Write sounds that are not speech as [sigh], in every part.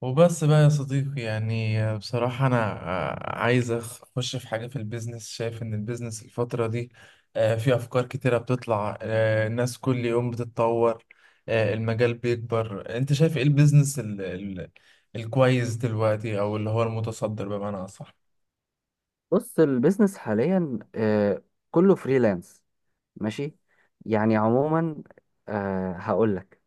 وبس بقى يا صديقي، يعني بصراحة أنا عايز أخش في حاجة في البيزنس. شايف إن البيزنس الفترة دي في أفكار كتيرة بتطلع، الناس كل يوم بتتطور، المجال بيكبر. أنت شايف إيه البيزنس الكويس دلوقتي، أو اللي هو المتصدر بمعنى أصح؟ بص، البيزنس حاليا كله فريلانس. ماشي، يعني عموما هقول لك.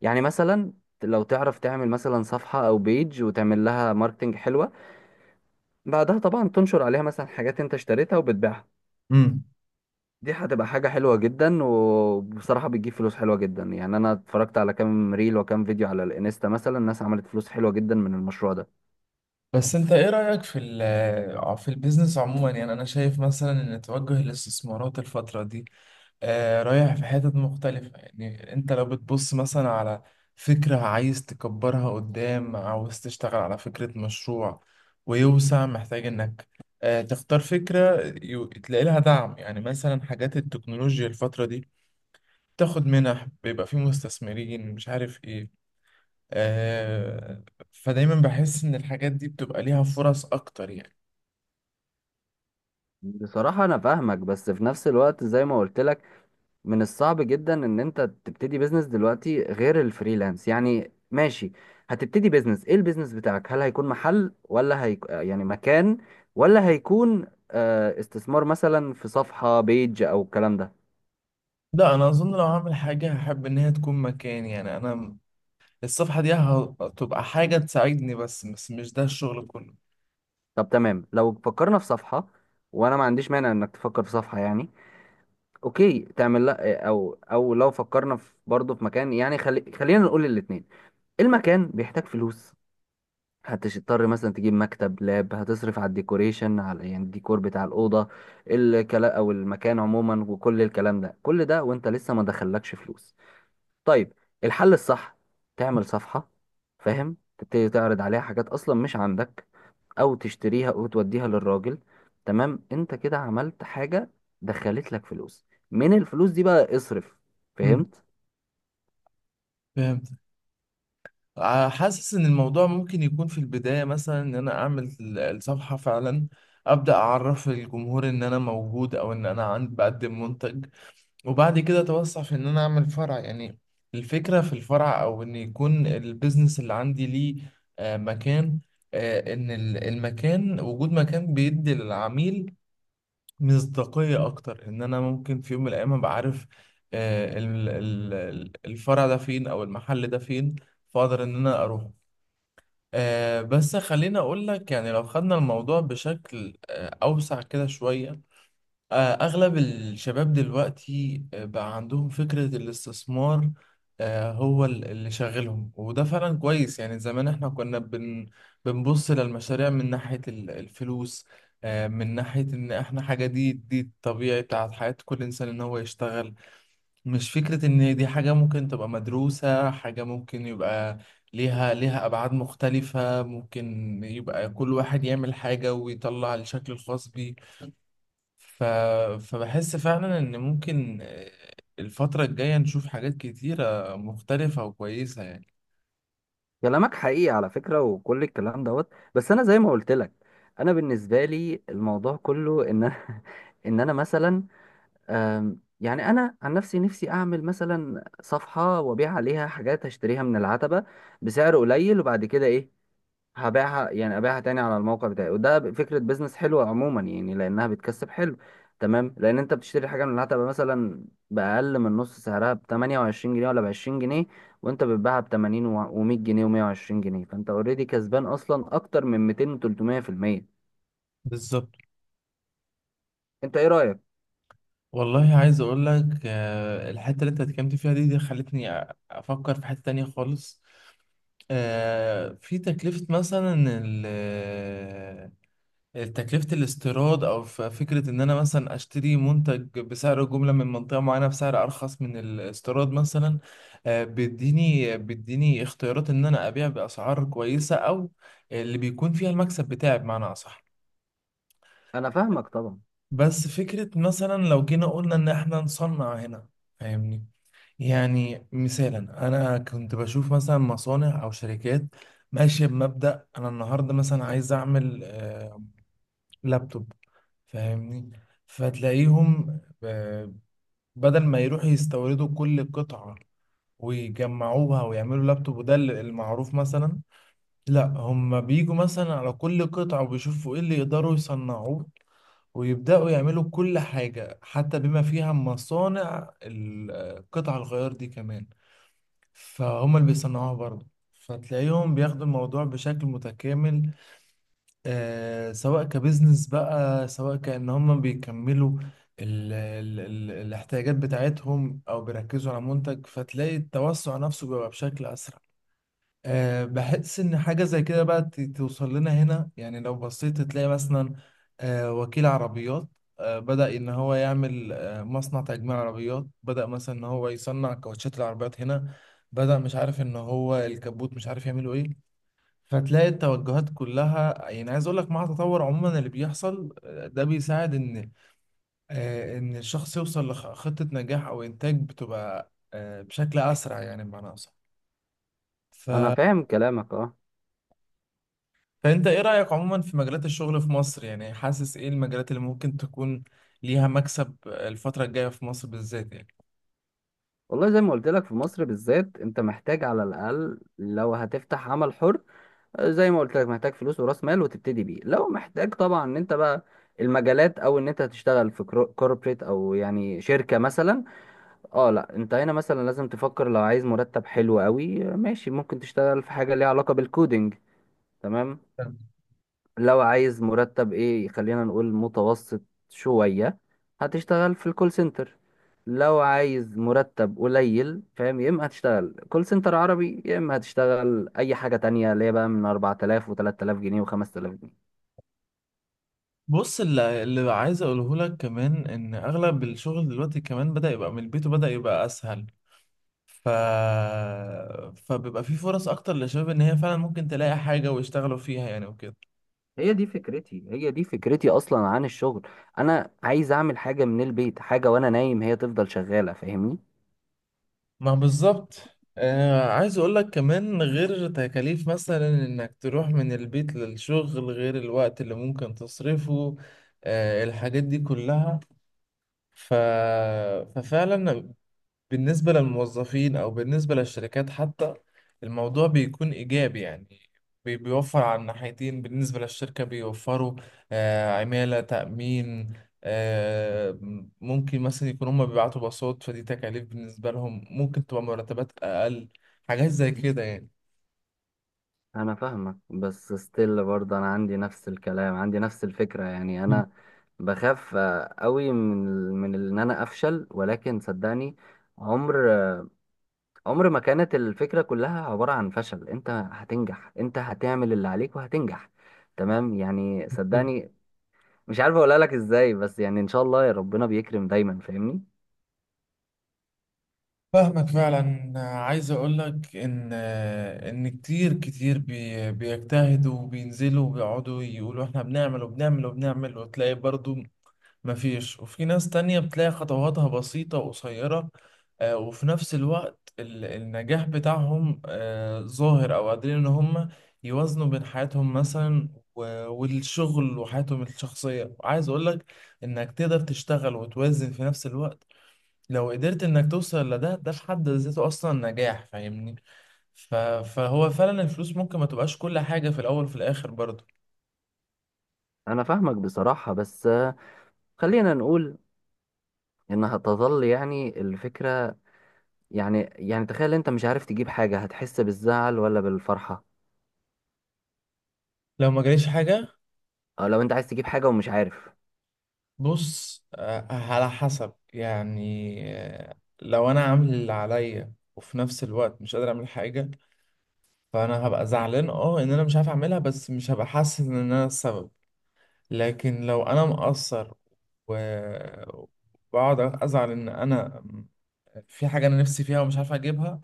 يعني مثلا لو تعرف تعمل مثلا صفحة او بيج وتعمل لها ماركتنج حلوة، بعدها طبعا تنشر عليها مثلا حاجات انت اشتريتها وبتبيعها. امم. دي هتبقى حاجة حلوة جدا، وبصراحة بتجيب فلوس حلوة جدا. يعني انا اتفرجت على كام ريل وكام فيديو على الانستا، مثلا الناس عملت فلوس حلوة جدا من المشروع ده. بس انت ايه رأيك في في البيزنس عموما؟ يعني انا شايف مثلا ان توجه الاستثمارات الفترة دي رايح في حتت مختلفة. يعني انت لو بتبص مثلا على فكرة عايز تكبرها قدام، عاوز تشتغل على فكرة مشروع ويوسع، محتاج انك تختار فكرة تلاقي لها دعم. يعني مثلا حاجات التكنولوجيا الفترة دي تاخد منح، بيبقى في مستثمرين، مش عارف ايه، آه، فدايما بحس ان الحاجات دي بتبقى ليها فرص اكتر يعني. بصراحة انا فاهمك، بس في نفس الوقت زي ما قلت لك، من الصعب جدا ان انت تبتدي بيزنس دلوقتي غير الفريلانس. يعني ماشي، هتبتدي بيزنس ايه؟ البيزنس بتاعك هل هيكون محل ولا يعني مكان، ولا هيكون استثمار مثلا في صفحة بيج او الكلام ده؟ لا، انا اظن لو هعمل حاجة هحب ان هي تكون مكاني يعني. انا الصفحة دي هتبقى حاجة تساعدني بس، بس مش ده الشغل كله. طب تمام، لو فكرنا في صفحة، وانا ما عنديش مانع انك تفكر في صفحة يعني. اوكي تعمل، لا، او لو فكرنا في برضه في مكان، يعني خلينا نقول الاتنين. المكان بيحتاج فلوس، هتضطر مثلا تجيب مكتب لاب، هتصرف على الديكوريشن، على يعني الديكور بتاع الأوضة الكلام، أو المكان عموما، وكل الكلام ده كل ده وانت لسه ما دخلكش فلوس. طيب، الحل الصح تعمل صفحة، فاهم؟ تبتدي تعرض عليها حاجات أصلا مش عندك، أو تشتريها وتوديها للراجل. تمام، انت كده عملت حاجة، دخلت لك فلوس. من الفلوس دي بقى اصرف، مم. فهمت؟ فهمت. حاسس ان الموضوع ممكن يكون في البداية مثلا ان انا اعمل الصفحة فعلا، ابدأ اعرف الجمهور ان انا موجود، او ان انا عند بقدم منتج، وبعد كده اتوسع في ان انا اعمل فرع يعني. الفكرة في الفرع، او ان يكون البيزنس اللي عندي ليه مكان، ان المكان، وجود مكان بيدي للعميل مصداقية أكتر. إن أنا ممكن في يوم من الأيام أبقى عارف الفرع ده فين، أو المحل ده فين، فأقدر إن أنا أروح. بس خليني أقول لك يعني، لو خدنا الموضوع بشكل أوسع كده شوية. آه، أغلب الشباب دلوقتي بقى عندهم فكرة الاستثمار، هو اللي شاغلهم، وده فعلا كويس يعني. زمان احنا كنا بنبص للمشاريع من ناحية الفلوس، من ناحية إن احنا حاجة، دي الطبيعي بتاعت حياة كل إنسان إن هو يشتغل، مش فكرة إن دي حاجة ممكن تبقى مدروسة، حاجة ممكن يبقى ليها أبعاد مختلفة، ممكن يبقى كل واحد يعمل حاجة ويطلع الشكل الخاص بيه. ف... فبحس فعلا ان ممكن الفترة الجاية نشوف حاجات كتيرة مختلفة وكويسة يعني. كلامك حقيقي على فكرة وكل الكلام دوت، بس انا زي ما قلت لك، انا بالنسبة لي الموضوع كله ان انا [laughs] ان انا مثلا يعني انا عن نفسي، نفسي اعمل مثلا صفحة وابيع عليها حاجات هشتريها من العتبة بسعر قليل، وبعد كده ايه؟ هبيعها، يعني ابيعها تاني على الموقع بتاعي، وده فكره بيزنس حلوه عموما يعني، لانها بتكسب حلو. تمام، لان انت بتشتري حاجه من اللي هتبقى مثلا باقل من نص سعرها ب 28 جنيه ولا ب 20 جنيه، وانت بتبيعها ب 80 و100 جنيه و120 جنيه، فانت اوريدي كسبان اصلا اكتر من 200 و300%. بالظبط. انت ايه رايك؟ والله عايز اقول لك، الحتة اللي انت اتكلمت فيها دي، دي خلتني افكر في حتة تانية خالص. في تكلفة مثلا تكلفة الاستيراد، أو فكرة إن أنا مثلا أشتري منتج بسعر جملة من منطقة معينة بسعر أرخص من الاستيراد مثلا. بيديني اختيارات إن أنا أبيع بأسعار كويسة، أو اللي بيكون فيها المكسب بتاعي بمعنى أصح. انا فاهمك طبعا. بس فكرة مثلا لو جينا قلنا إن إحنا نصنع هنا، فاهمني؟ يعني مثالا، أنا كنت بشوف مثلا مصانع أو شركات ماشية بمبدأ أنا النهاردة مثلا عايز أعمل لابتوب، فاهمني؟ فتلاقيهم بدل ما يروحوا يستوردوا كل قطعة ويجمعوها ويعملوا لابتوب، وده المعروف مثلا. لا، هم بيجوا مثلا على كل قطعة وبيشوفوا ايه اللي يقدروا يصنعوه، ويبدأوا يعملوا كل حاجة، حتى بما فيها مصانع قطع الغيار دي كمان، فهم اللي بيصنعوها برضه. فتلاقيهم بياخدوا الموضوع بشكل متكامل، سواء كبزنس بقى، سواء كأن هم بيكملوا ال ال ال الاحتياجات بتاعتهم، أو بيركزوا على منتج، فتلاقي التوسع نفسه بيبقى بشكل أسرع. بحس إن حاجة زي كده بقى توصل لنا هنا. يعني لو بصيت تلاقي مثلا وكيل عربيات بدأ إن هو يعمل مصنع تجميع عربيات، بدأ مثلا إن هو يصنع كاوتشات العربيات هنا، بدأ مش عارف إن هو الكبوت مش عارف يعمله إيه. فتلاقي التوجهات كلها، يعني عايز اقول لك مع التطور عموما اللي بيحصل ده بيساعد ان، ان الشخص يوصل لخطة نجاح او انتاج، بتبقى بشكل اسرع يعني بمعنى اصح. ف... انا فاهم كلامك، اه. فانت ايه رأيك عموما في مجالات الشغل في مصر؟ يعني حاسس ايه المجالات اللي ممكن تكون ليها مكسب الفترة الجاية في مصر بالذات يعني. والله زي ما قلت لك، في مصر بالذات انت محتاج على الاقل لو هتفتح عمل حر، زي ما قلت لك محتاج فلوس وراس مال وتبتدي بيه. لو محتاج طبعا ان انت بقى المجالات، او ان انت هتشتغل في كوربريت او يعني شركة مثلا، اه لا، انت هنا مثلا لازم تفكر. لو عايز مرتب حلو قوي ماشي، ممكن تشتغل في حاجة ليها علاقة بالكودينج، تمام. لو عايز مرتب ايه، خلينا نقول متوسط شوية، هتشتغل في الكول سنتر. لو عايز مرتب قليل، فاهم؟ يا اما هتشتغل كول سنتر عربي، يا اما هتشتغل اي حاجة تانية اللي هي بقى من 4000 و3000 جنيه و5000 جنيه. بص، اللي عايز اقوله لك كمان ان اغلب الشغل دلوقتي كمان بدأ يبقى من البيت وبدأ يبقى اسهل. ف... فبيبقى في فرص اكتر للشباب ان هي فعلا ممكن تلاقي حاجة ويشتغلوا فيها يعني وكده. هي دي فكرتي، هي دي فكرتي اصلا عن الشغل. انا عايز اعمل حاجة من البيت، حاجة وانا نايم هي تفضل شغالة، فاهمني؟ ما بالظبط. عايز اقول لك كمان، غير تكاليف مثلا انك تروح من البيت للشغل، غير الوقت اللي ممكن تصرفه، الحاجات دي كلها. ف... ففعلا بالنسبة للموظفين أو بالنسبة للشركات حتى، الموضوع بيكون إيجابي يعني، بيوفر على الناحيتين. بالنسبة للشركة بيوفروا عمالة، تأمين، آه، ممكن مثلا يكون هما بيبعتوا باصات، فدي تكاليف بالنسبة لهم، ممكن تبقى مرتبات أقل، حاجات زي كده يعني. انا فاهمك، بس ستيل برضه انا عندي نفس الكلام، عندي نفس الفكره يعني. مم. انا بخاف قوي، ان انا افشل، ولكن صدقني عمر آه، عمر ما كانت الفكره كلها عباره عن فشل. انت هتنجح، انت هتعمل اللي عليك وهتنجح، تمام؟ يعني بالظبط. صدقني، مش عارف اقولها لك ازاي، بس يعني ان شاء الله، يا ربنا بيكرم دايما، فاهمني؟ فاهمك فعلا. عايز اقول لك ان كتير كتير بيجتهدوا، وبينزلوا وبيقعدوا يقولوا احنا بنعمل وبنعمل وبنعمل، وتلاقي برضو مفيش. وفي ناس تانية بتلاقي خطواتها بسيطة وقصيرة، وفي نفس الوقت النجاح بتاعهم ظاهر، أو قادرين إن هم يوازنوا بين حياتهم مثلا والشغل وحياتهم الشخصية. وعايز أقولك إنك تقدر تشتغل وتوازن في نفس الوقت. لو قدرت إنك توصل لده، ده في حد ذاته أصلا نجاح، فاهمني؟ ف- فهو فعلا الفلوس ممكن ما تبقاش كل حاجة في الأول وفي الآخر برضه. انا فاهمك بصراحه، بس خلينا نقول انها تظل يعني الفكره. يعني تخيل انت مش عارف تجيب حاجة، هتحس بالزعل ولا بالفرحة؟ لو ما جاليش حاجة، أو لو انت عايز تجيب حاجة ومش عارف. بص على حسب يعني. لو انا عامل اللي عليا وفي نفس الوقت مش قادر اعمل حاجه، فانا هبقى زعلان، ان انا مش عارف اعملها، بس مش هبقى حاسس ان انا السبب. لكن لو انا مقصر و- وبقعد ازعل ان انا في حاجه انا نفسي فيها ومش عارف اجيبها،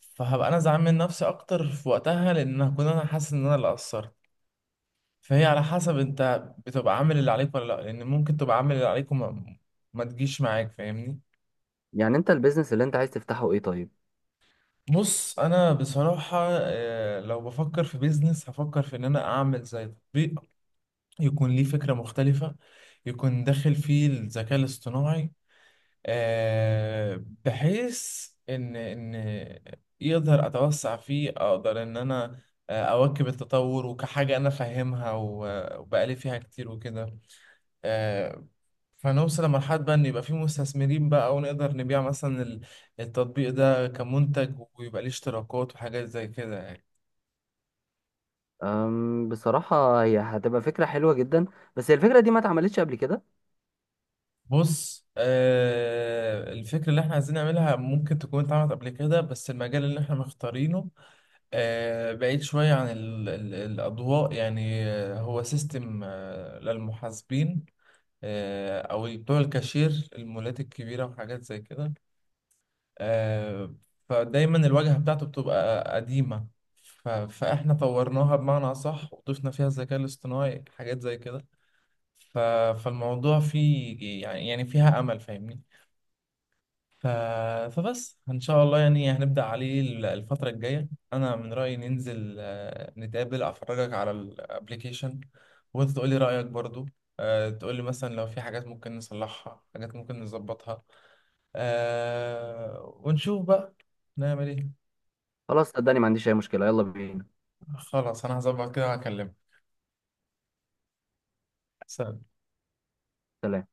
فهبقى انا زعلان من نفسي اكتر في وقتها، لان هكون انا حاسس ان انا اللي قصرت. فهي على حسب انت بتبقى عامل اللي عليك ولا لا، لان ممكن تبقى عامل اللي عليك وما ما تجيش معاك، فاهمني؟ يعني انت البيزنس اللي انت عايز تفتحه ايه طيب؟ بص انا بصراحة لو بفكر في بيزنس هفكر في ان انا اعمل زي تطبيق يكون ليه فكرة مختلفة، يكون داخل فيه الذكاء الاصطناعي، بحيث ان يقدر اتوسع فيه، اقدر ان انا اواكب التطور، وكحاجة انا فاهمها وبقالي فيها كتير وكده. آه، فنوصل لمرحلة بقى إن يبقى في مستثمرين بقى، ونقدر نبيع مثلا التطبيق ده كمنتج، ويبقى ليه اشتراكات وحاجات زي كده يعني. بصراحة هي هتبقى فكرة حلوة جدا، بس هي الفكرة دي ما اتعملتش قبل كده. بص، الفكرة اللي احنا عايزين نعملها ممكن تكون اتعملت قبل كده، بس المجال اللي احنا مختارينه بعيد شوية عن ال ال الأضواء يعني. هو سيستم للمحاسبين، أو بتوع الكاشير، المولات الكبيرة وحاجات زي كده. آه، فدايما الواجهة بتاعته بتبقى قديمة، فاحنا طورناها بمعنى أصح وضفنا فيها الذكاء الاصطناعي حاجات زي كده. ف- فالموضوع فيه يعني فيها أمل، فاهمني؟ ف- فبس إن شاء الله يعني هنبدأ عليه الفترة الجاية. أنا من رأيي ننزل نتقابل، أفرجك على الابليكيشن، وأنت تقولي رأيك برضو، تقولي مثلا لو في حاجات ممكن نصلحها، حاجات ممكن نظبطها، ونشوف بقى نعمل ايه. خلاص، صدقني ما عنديش اي مشكلة، يلا بينا. خلاص، انا هظبط كده وهكلمك. سلام. سلام.